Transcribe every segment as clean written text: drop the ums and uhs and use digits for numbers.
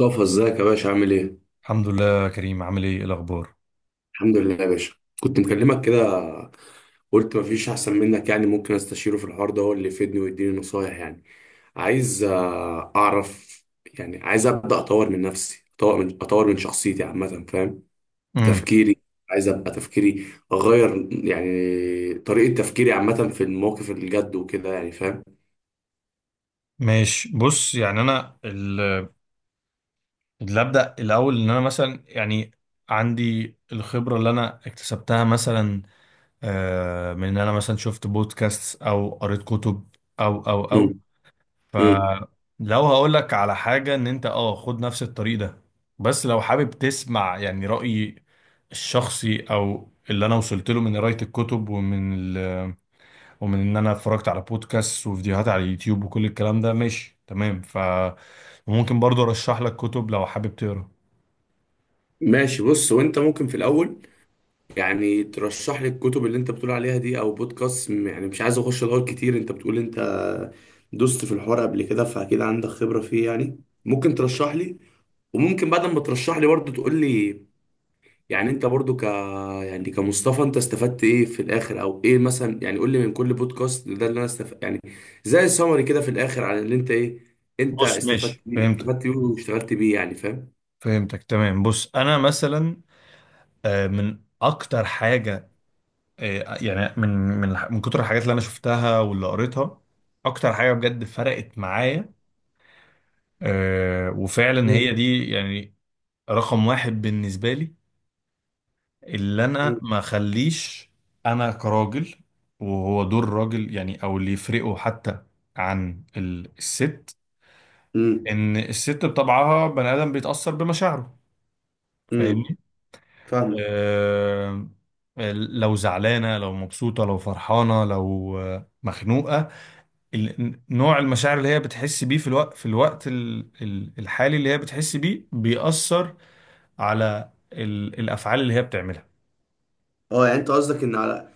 مصطفى ازيك يا باشا عامل ايه؟ الحمد لله يا كريم، عامل ايه؟ إيه الاخبار؟ الحمد لله يا باشا، كنت مكلمك كده. قلت مفيش احسن منك، يعني ممكن استشيره في الحوار ده، هو اللي يفيدني ويديني نصايح يعني. عايز اعرف، يعني عايز ابدا اطور من نفسي، اطور من شخصيتي عامه، فاهم؟ امم تفكيري، عايز ابقى تفكيري اغير يعني طريقه تفكيري عامه في المواقف الجد وكده يعني، فاهم؟ ماشي، بص يعني انا اللي ابدا الاول ان انا مثلا يعني عندي الخبره اللي انا اكتسبتها مثلا، من ان انا مثلا شفت بودكاست او قريت كتب، او او او امم امم فلو هقول لك على حاجه، ان انت خد نفس الطريق ده. بس لو حابب تسمع يعني رايي الشخصي او اللي انا وصلت له من قرايه الكتب ومن ان انا اتفرجت على بودكاست وفيديوهات على اليوتيوب وكل الكلام ده، ماشي تمام. وممكن برضو ارشح لك كتب لو حابب تقرا. ماشي، بص، وانت ممكن في الاول يعني ترشح لي الكتب اللي انت بتقول عليها دي او بودكاست، يعني مش عايز اخش ادور كتير. انت بتقول انت دوست في الحوار قبل كده، فاكيد عندك خبرة فيه يعني، ممكن ترشح لي. وممكن بعد ما ترشح لي برضه تقول لي يعني انت برضه يعني كمصطفى انت استفدت ايه في الاخر، او ايه مثلا، يعني قول لي من كل بودكاست ده اللي انا استفدت يعني، زي سمري كده في الاخر، على اللي انت ايه، انت بص استفدت ماشي، بيه، استفدت فهمتك، بيه واشتغلت بيه يعني، فاهم؟ فهمتك تمام. بص انا مثلا، من اكتر حاجه، يعني من كتر الحاجات اللي انا شفتها واللي قريتها، اكتر حاجه بجد فرقت معايا، وفعلا هي امم دي يعني رقم واحد بالنسبه لي، اللي انا ما اخليش، انا كراجل، وهو دور الراجل يعني او اللي يفرقه حتى عن الست، امم ان الست بطبعها بني ادم بيتاثر بمشاعره، امم فاهمني؟ فاهمك. آه آه، لو زعلانه، لو مبسوطه، لو فرحانه، لو مخنوقه، نوع المشاعر اللي هي بتحس بيه في الوقت في الوقت الحالي اللي هي بتحس بيه، بيأثر على الافعال اللي هي بتعملها. اه يعني انت قصدك ان على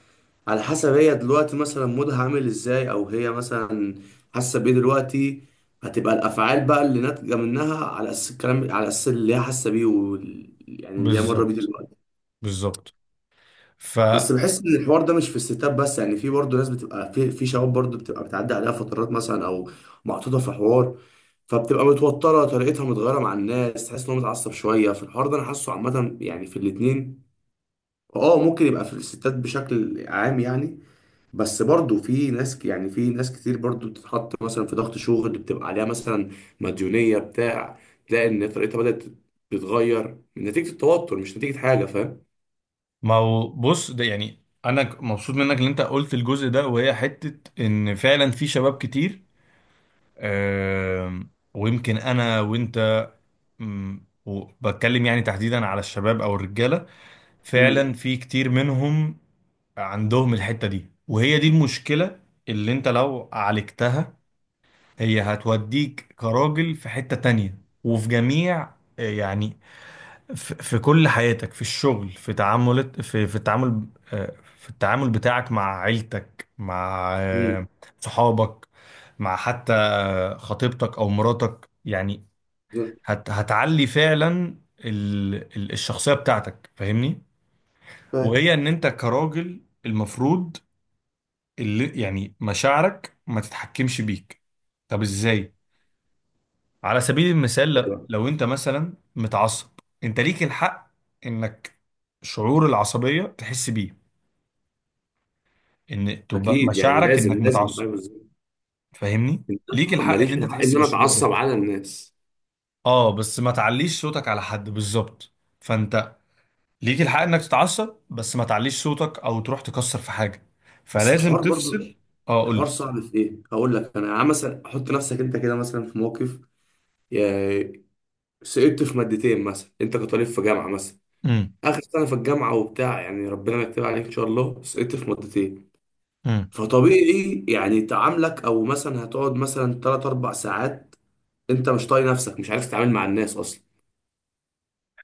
حسب هي دلوقتي مثلا مودها عامل ازاي، او هي مثلا حاسه بيه دلوقتي، هتبقى الافعال بقى اللي ناتجه منها على اساس الكلام، على اساس اللي هي حاسه بيه يعني اللي هي مره بيه بالظبط، دلوقتي. بالظبط. بس بحس ان الحوار ده مش في الستات بس يعني، في برضه ناس بتبقى في شباب برضه بتبقى بتعدي عليها فترات مثلا، او محطوطه في حوار، فبتبقى متوتره، طريقتها متغيره مع الناس، تحس ان هو متعصب شويه. فالحوار ده انا حاسه عامه يعني في الاتنين. اه ممكن يبقى في الستات بشكل عام يعني، بس برضو في ناس، يعني في ناس كتير برضو بتتحط مثلا في ضغط شغل، بتبقى عليها مثلا مديونية بتاع، تلاقي ان طريقتها بدأت تتغير من نتيجة التوتر، مش نتيجة حاجة، فاهم؟ ما هو بص، ده يعني انا مبسوط منك ان انت قلت الجزء ده، وهي حتة ان فعلا في شباب كتير، ويمكن انا وانت، وبتكلم يعني تحديدا على الشباب او الرجالة، امم فعلا في كتير منهم عندهم الحتة دي، وهي دي المشكلة. اللي انت لو عالجتها، هي هتوديك كراجل في حتة تانية، وفي جميع يعني، في كل حياتك، في الشغل، في تعاملات، في التعامل، في التعامل بتاعك مع عيلتك، مع امم صحابك، مع حتى خطيبتك او مراتك يعني. بالظبط. هتعلي فعلا الشخصية بتاعتك، فاهمني؟ فاهم. وهي ان انت كراجل المفروض اللي يعني مشاعرك ما تتحكمش بيك. طب ازاي؟ على سبيل المثال، أيوة. لو انت مثلا متعصب، انت ليك الحق انك، شعور العصبية تحس بيه، ان تبقى اكيد يعني، مشاعرك لازم انك لازم متعصب، ايوه، بالظبط. فاهمني؟ إن ليك أنا الحق ماليش ان انت الحق تحس ان انا بالشعور ده. اتعصب على الناس. اه بس ما تعليش صوتك على حد، بالظبط. فانت ليك الحق انك تتعصب، بس ما تعليش صوتك او تروح تكسر في حاجة، بس فلازم الحوار برضو، تفصل. اه قول الحوار لي. صعب في ايه؟ هقول لك، انا عم مثلا احط نفسك انت كده مثلا في موقف، يا- سقطت في مادتين مثلا، انت كطالب في جامعة مثلا، امم. اخر سنه في الجامعه وبتاع، يعني ربنا يكتب عليك ان شاء الله، سقطت في مادتين. امم. فطبيعي يعني تعاملك، او مثلا هتقعد مثلا 3 4 ساعات انت مش طايق نفسك، مش عارف تتعامل مع الناس اصلا.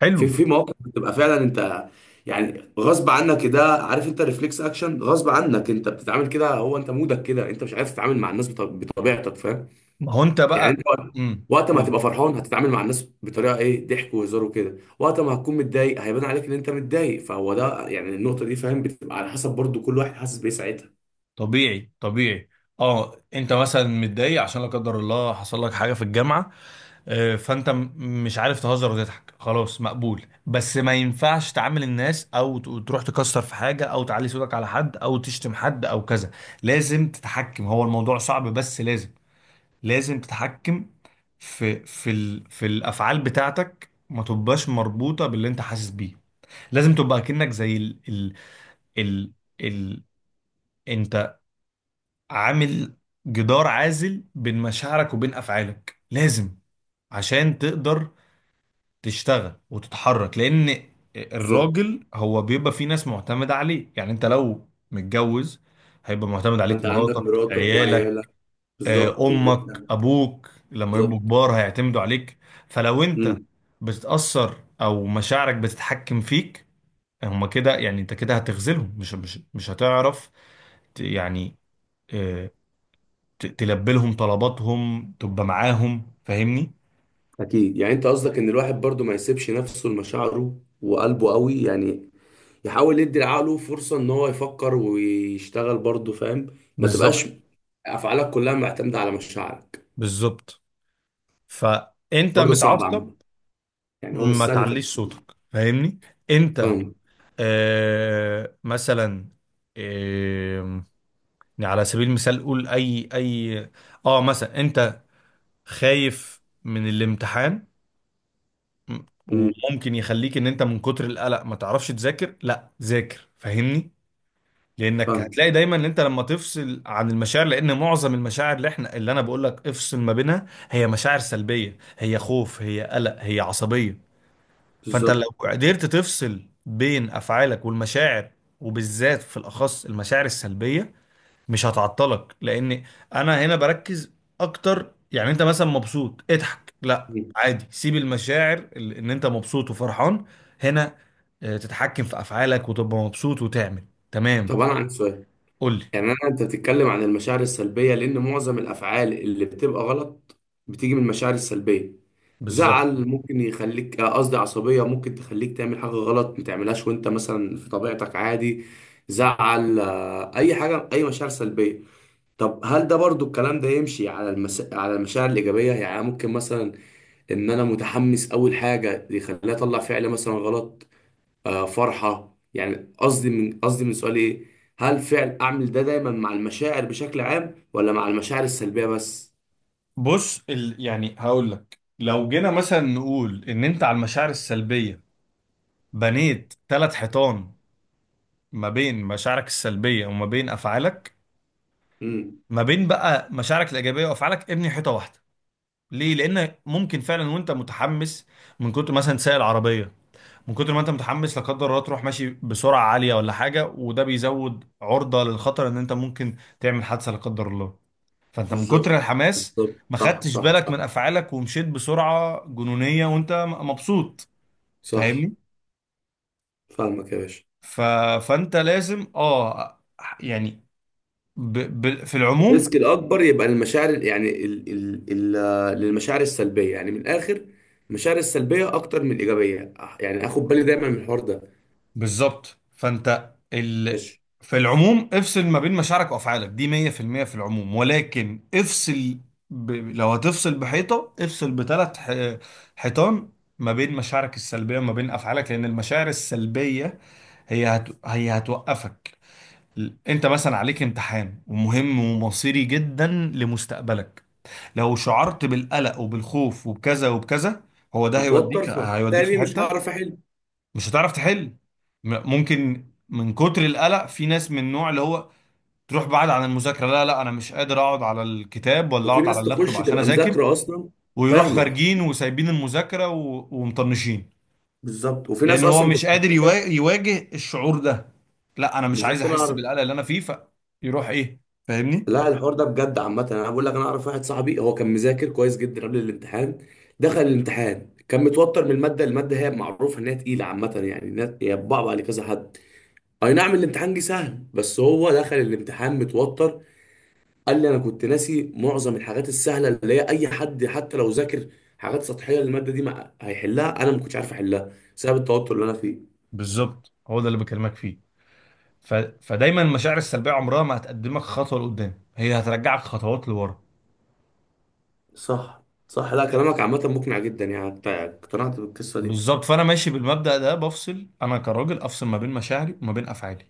حلو. في مواقف بتبقى فعلا انت يعني غصب عنك كده، عارف، انت ريفلكس اكشن، غصب عنك انت بتتعامل كده، هو انت مودك كده، انت مش عارف تتعامل مع الناس بطبيعتك، فاهم؟ ما هو انت يعني انت بقى. وقت امم. وقت ما هتبقى فرحان هتتعامل مع الناس بطريقه ايه، ضحك وهزار وكده. وقت ما هتكون متضايق هيبان عليك ان انت متضايق. فهو ده يعني النقطه دي فاهم، بتبقى على حسب برضو كل واحد حاسس بايه ساعتها. طبيعي، طبيعي. اه انت مثلا متضايق عشان لا قدر الله حصل لك حاجه في الجامعه، فانت مش عارف تهزر وتضحك، خلاص مقبول. بس ما ينفعش تعامل الناس، او تروح تكسر في حاجه، او تعلي صوتك على حد، او تشتم حد، او كذا. لازم تتحكم، هو الموضوع صعب، بس لازم، لازم تتحكم في في ال في الافعال بتاعتك، ما تبقاش مربوطه باللي انت حاسس بيه. لازم تبقى كأنك زي ال ال عامل جدار عازل بين مشاعرك وبين افعالك، لازم، عشان تقدر تشتغل وتتحرك. لان بالظبط، الراجل هو بيبقى فيه ناس معتمدة عليه، يعني انت لو متجوز هيبقى معتمد عليك انت عندك مراتك، مراتك عيالك، وعيالك. بالظبط امك، وبيتك. ابوك لما يبقوا بالظبط. كبار هيعتمدوا عليك. فلو انت امم. بتتأثر او مشاعرك بتتحكم فيك، هما كده يعني انت كده هتخذلهم، مش هتعرف يعني، آه، تلبي لهم طلباتهم، تبقى معاهم، فاهمني؟ اكيد يعني انت قصدك ان الواحد برضو ما يسيبش نفسه لمشاعره وقلبه قوي يعني، يحاول يدي لعقله فرصه ان هو يفكر ويشتغل برضو، فاهم؟ ما تبقاش بالظبط، افعالك كلها معتمده على مشاعرك. بالظبط. فانت برضه صعب متعصب، عامه يعني، هو مش ما سهل. تعليش صوتك، فاهمني؟ انت فاهم. مثلا، آه يعني على سبيل المثال، قول اي، اه مثلا انت خايف من الامتحان، م- امم. وممكن يخليك ان انت من كتر القلق ما تعرفش تذاكر، لا ذاكر، فاهمني؟ لانك فاهم. هتلاقي دايما ان انت لما تفصل عن المشاعر، لان معظم المشاعر اللي احنا، اللي انا بقول لك افصل ما بينها، هي مشاعر سلبيه، هي خوف، هي قلق، هي عصبيه. فانت بالظبط. لو قدرت تفصل بين افعالك والمشاعر، وبالذات في الاخص المشاعر السلبيه، مش هتعطلك. لان انا هنا بركز اكتر، يعني انت مثلا مبسوط، اضحك، لا مم. عادي، سيب المشاعر ان انت مبسوط وفرحان، هنا تتحكم في افعالك وتبقى مبسوط وتعمل، تمام. طب انا عندي سؤال، قول لي. يعني انا انت بتتكلم عن المشاعر السلبيه لان معظم الافعال اللي بتبقى غلط بتيجي من المشاعر السلبيه. بالظبط. زعل ممكن يخليك، قصدي عصبيه ممكن تخليك تعمل حاجه غلط ما تعملهاش وانت مثلا في طبيعتك عادي. زعل، اي حاجه، اي مشاعر سلبيه. طب هل ده برضو الكلام ده يمشي على على المشاعر الايجابيه؟ يعني ممكن مثلا ان انا متحمس اول حاجه يخليني اطلع فعل مثلا غلط، فرحة يعني. قصدي من قصدي من سؤالي ايه، هل فعل اعمل ده دايما مع المشاعر بشكل عام، ولا مع المشاعر السلبية بس؟ بص، يعني هقول لك، لو جينا مثلا نقول ان انت على المشاعر السلبية بنيت ثلاث حيطان ما بين مشاعرك السلبية وما بين افعالك، امم. ما بين بقى مشاعرك الايجابية وافعالك ابني حيطة واحدة. ليه؟ لان ممكن فعلا وانت متحمس، من كتر مثلا سايق العربية، من كتر ما انت متحمس لا قدر الله تروح ماشي بسرعة عالية ولا حاجة، وده بيزود عرضة للخطر ان انت ممكن تعمل حادثة لا قدر الله. فانت من كتر بالظبط الحماس بالظبط، ما صح خدتش صح بالك صح. من افعالك ومشيت بسرعه جنونيه وانت مبسوط، صح، فاهمني؟ فاهمك يا باشا. ف... فانت لازم اه يعني، في العموم. الريسك الاكبر يبقى المشاعر، يعني ال ال ال آه، للمشاعر السلبية يعني، من الاخر المشاعر السلبية اكتر من الايجابية، يعني اخد بالي دايما من الحوار ده. بالظبط. فانت، ماشي. في العموم افصل ما بين مشاعرك وافعالك دي 100% في المية في العموم. ولكن افصل، لو هتفصل بحيطه، افصل بثلاث حيطان ما بين مشاعرك السلبيه وما بين افعالك، لان المشاعر السلبيه هي هي هتوقفك. انت مثلا عليك امتحان ومهم ومصيري جدا لمستقبلك، لو شعرت بالقلق وبالخوف وبكذا وبكذا، هو ده هتوتر هيوديك، هيوديك في فبالتالي مش حتة هعرف احل. مش هتعرف تحل. ممكن من كتر القلق، في ناس من النوع اللي هو تروح بعد عن المذاكرة، لا لا انا مش قادر اقعد على الكتاب ولا وفي اقعد على ناس اللابتوب تخش عشان تبقى اذاكر، مذاكرة اصلا. ويروح فاهمك. خارجين وسايبين المذاكرة ومطنشين، بالظبط، وفي لان ناس هو اصلا مش تبقى قادر مذاكرة. يواجه الشعور ده، لا انا مش عايز بالظبط انا احس اعرف. بالقلق اللي انا فيه، فيروح ايه، فاهمني؟ لا الحوار ده بجد عامه. انا بقول لك، انا اعرف واحد صاحبي هو كان مذاكر كويس جدا قبل الامتحان، دخل الامتحان كان متوتر من الماده. هي معروفه ان هي تقيله عامه، يعني هي بتبعبع على كذا حد. اي نعم الامتحان جه سهل، بس هو دخل الامتحان متوتر. قال لي انا كنت ناسي معظم الحاجات السهله، اللي هي اي حد حتى لو ذاكر حاجات سطحيه للماده دي ما هيحلها، انا ما كنتش عارف احلها بسبب التوتر اللي انا فيه. بالظبط، هو ده اللي بكلمك فيه. فدايما المشاعر السلبيه عمرها ما هتقدمك خطوه لقدام، هي هترجعك خطوات لورا. صح صح، لا كلامك عامه مقنع جدا، يعني اقتنعت بالقصه دي. بالظبط. فانا ماشي بالمبدأ ده، بفصل انا كراجل، افصل ما بين مشاعري وما بين افعالي،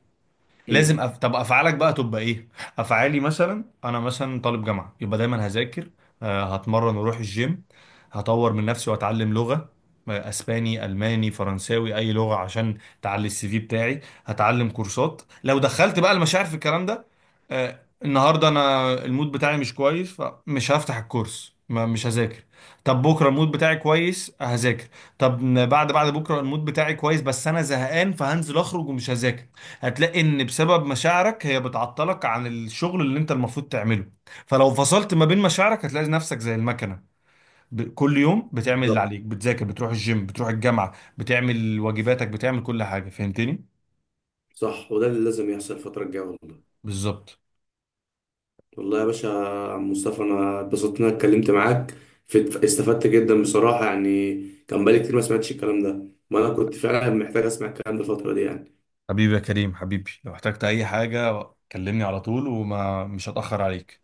امم. لازم طب افعالك بقى تبقى ايه؟ افعالي مثلا انا مثلا طالب جامعه، يبقى دايما هذاكر، هتمرن واروح الجيم، هطور من نفسي واتعلم لغه، اسباني، الماني، فرنساوي، اي لغه عشان تعلي السي في بتاعي، هتعلم كورسات. لو دخلت بقى المشاعر في الكلام ده، آه، النهارده انا المود بتاعي مش كويس، فمش هفتح الكورس، ما مش هذاكر. طب بكره المود بتاعي كويس، هذاكر. طب بعد بكره المود بتاعي كويس بس انا زهقان، فهنزل اخرج ومش هذاكر. هتلاقي ان بسبب مشاعرك هي بتعطلك عن الشغل اللي انت المفروض تعمله. فلو فصلت ما بين مشاعرك هتلاقي نفسك زي المكنة، كل يوم بتعمل اللي بالظبط. عليك، بتذاكر، بتروح الجيم، بتروح الجامعة، بتعمل واجباتك، بتعمل كل حاجة، فهمتني؟ صح، وده اللي لازم يحصل الفترة الجاية والله. بالظبط. والله يا باشا يا عم مصطفى، أنا اتبسطت إن أنا اتكلمت معاك. استفدت جدا بصراحة يعني، كان بقالي كتير ما سمعتش الكلام ده، ما أنا كنت فعلا محتاج أسمع الكلام ده الفترة دي يعني. حبيبي يا كريم، حبيبي لو احتجت اي حاجة كلمني على طول، مش هتأخر عليك.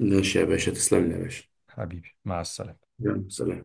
ماشي يا باشا، تسلم لي يا باشا. حبيبي مع السلامة. يلا سلام.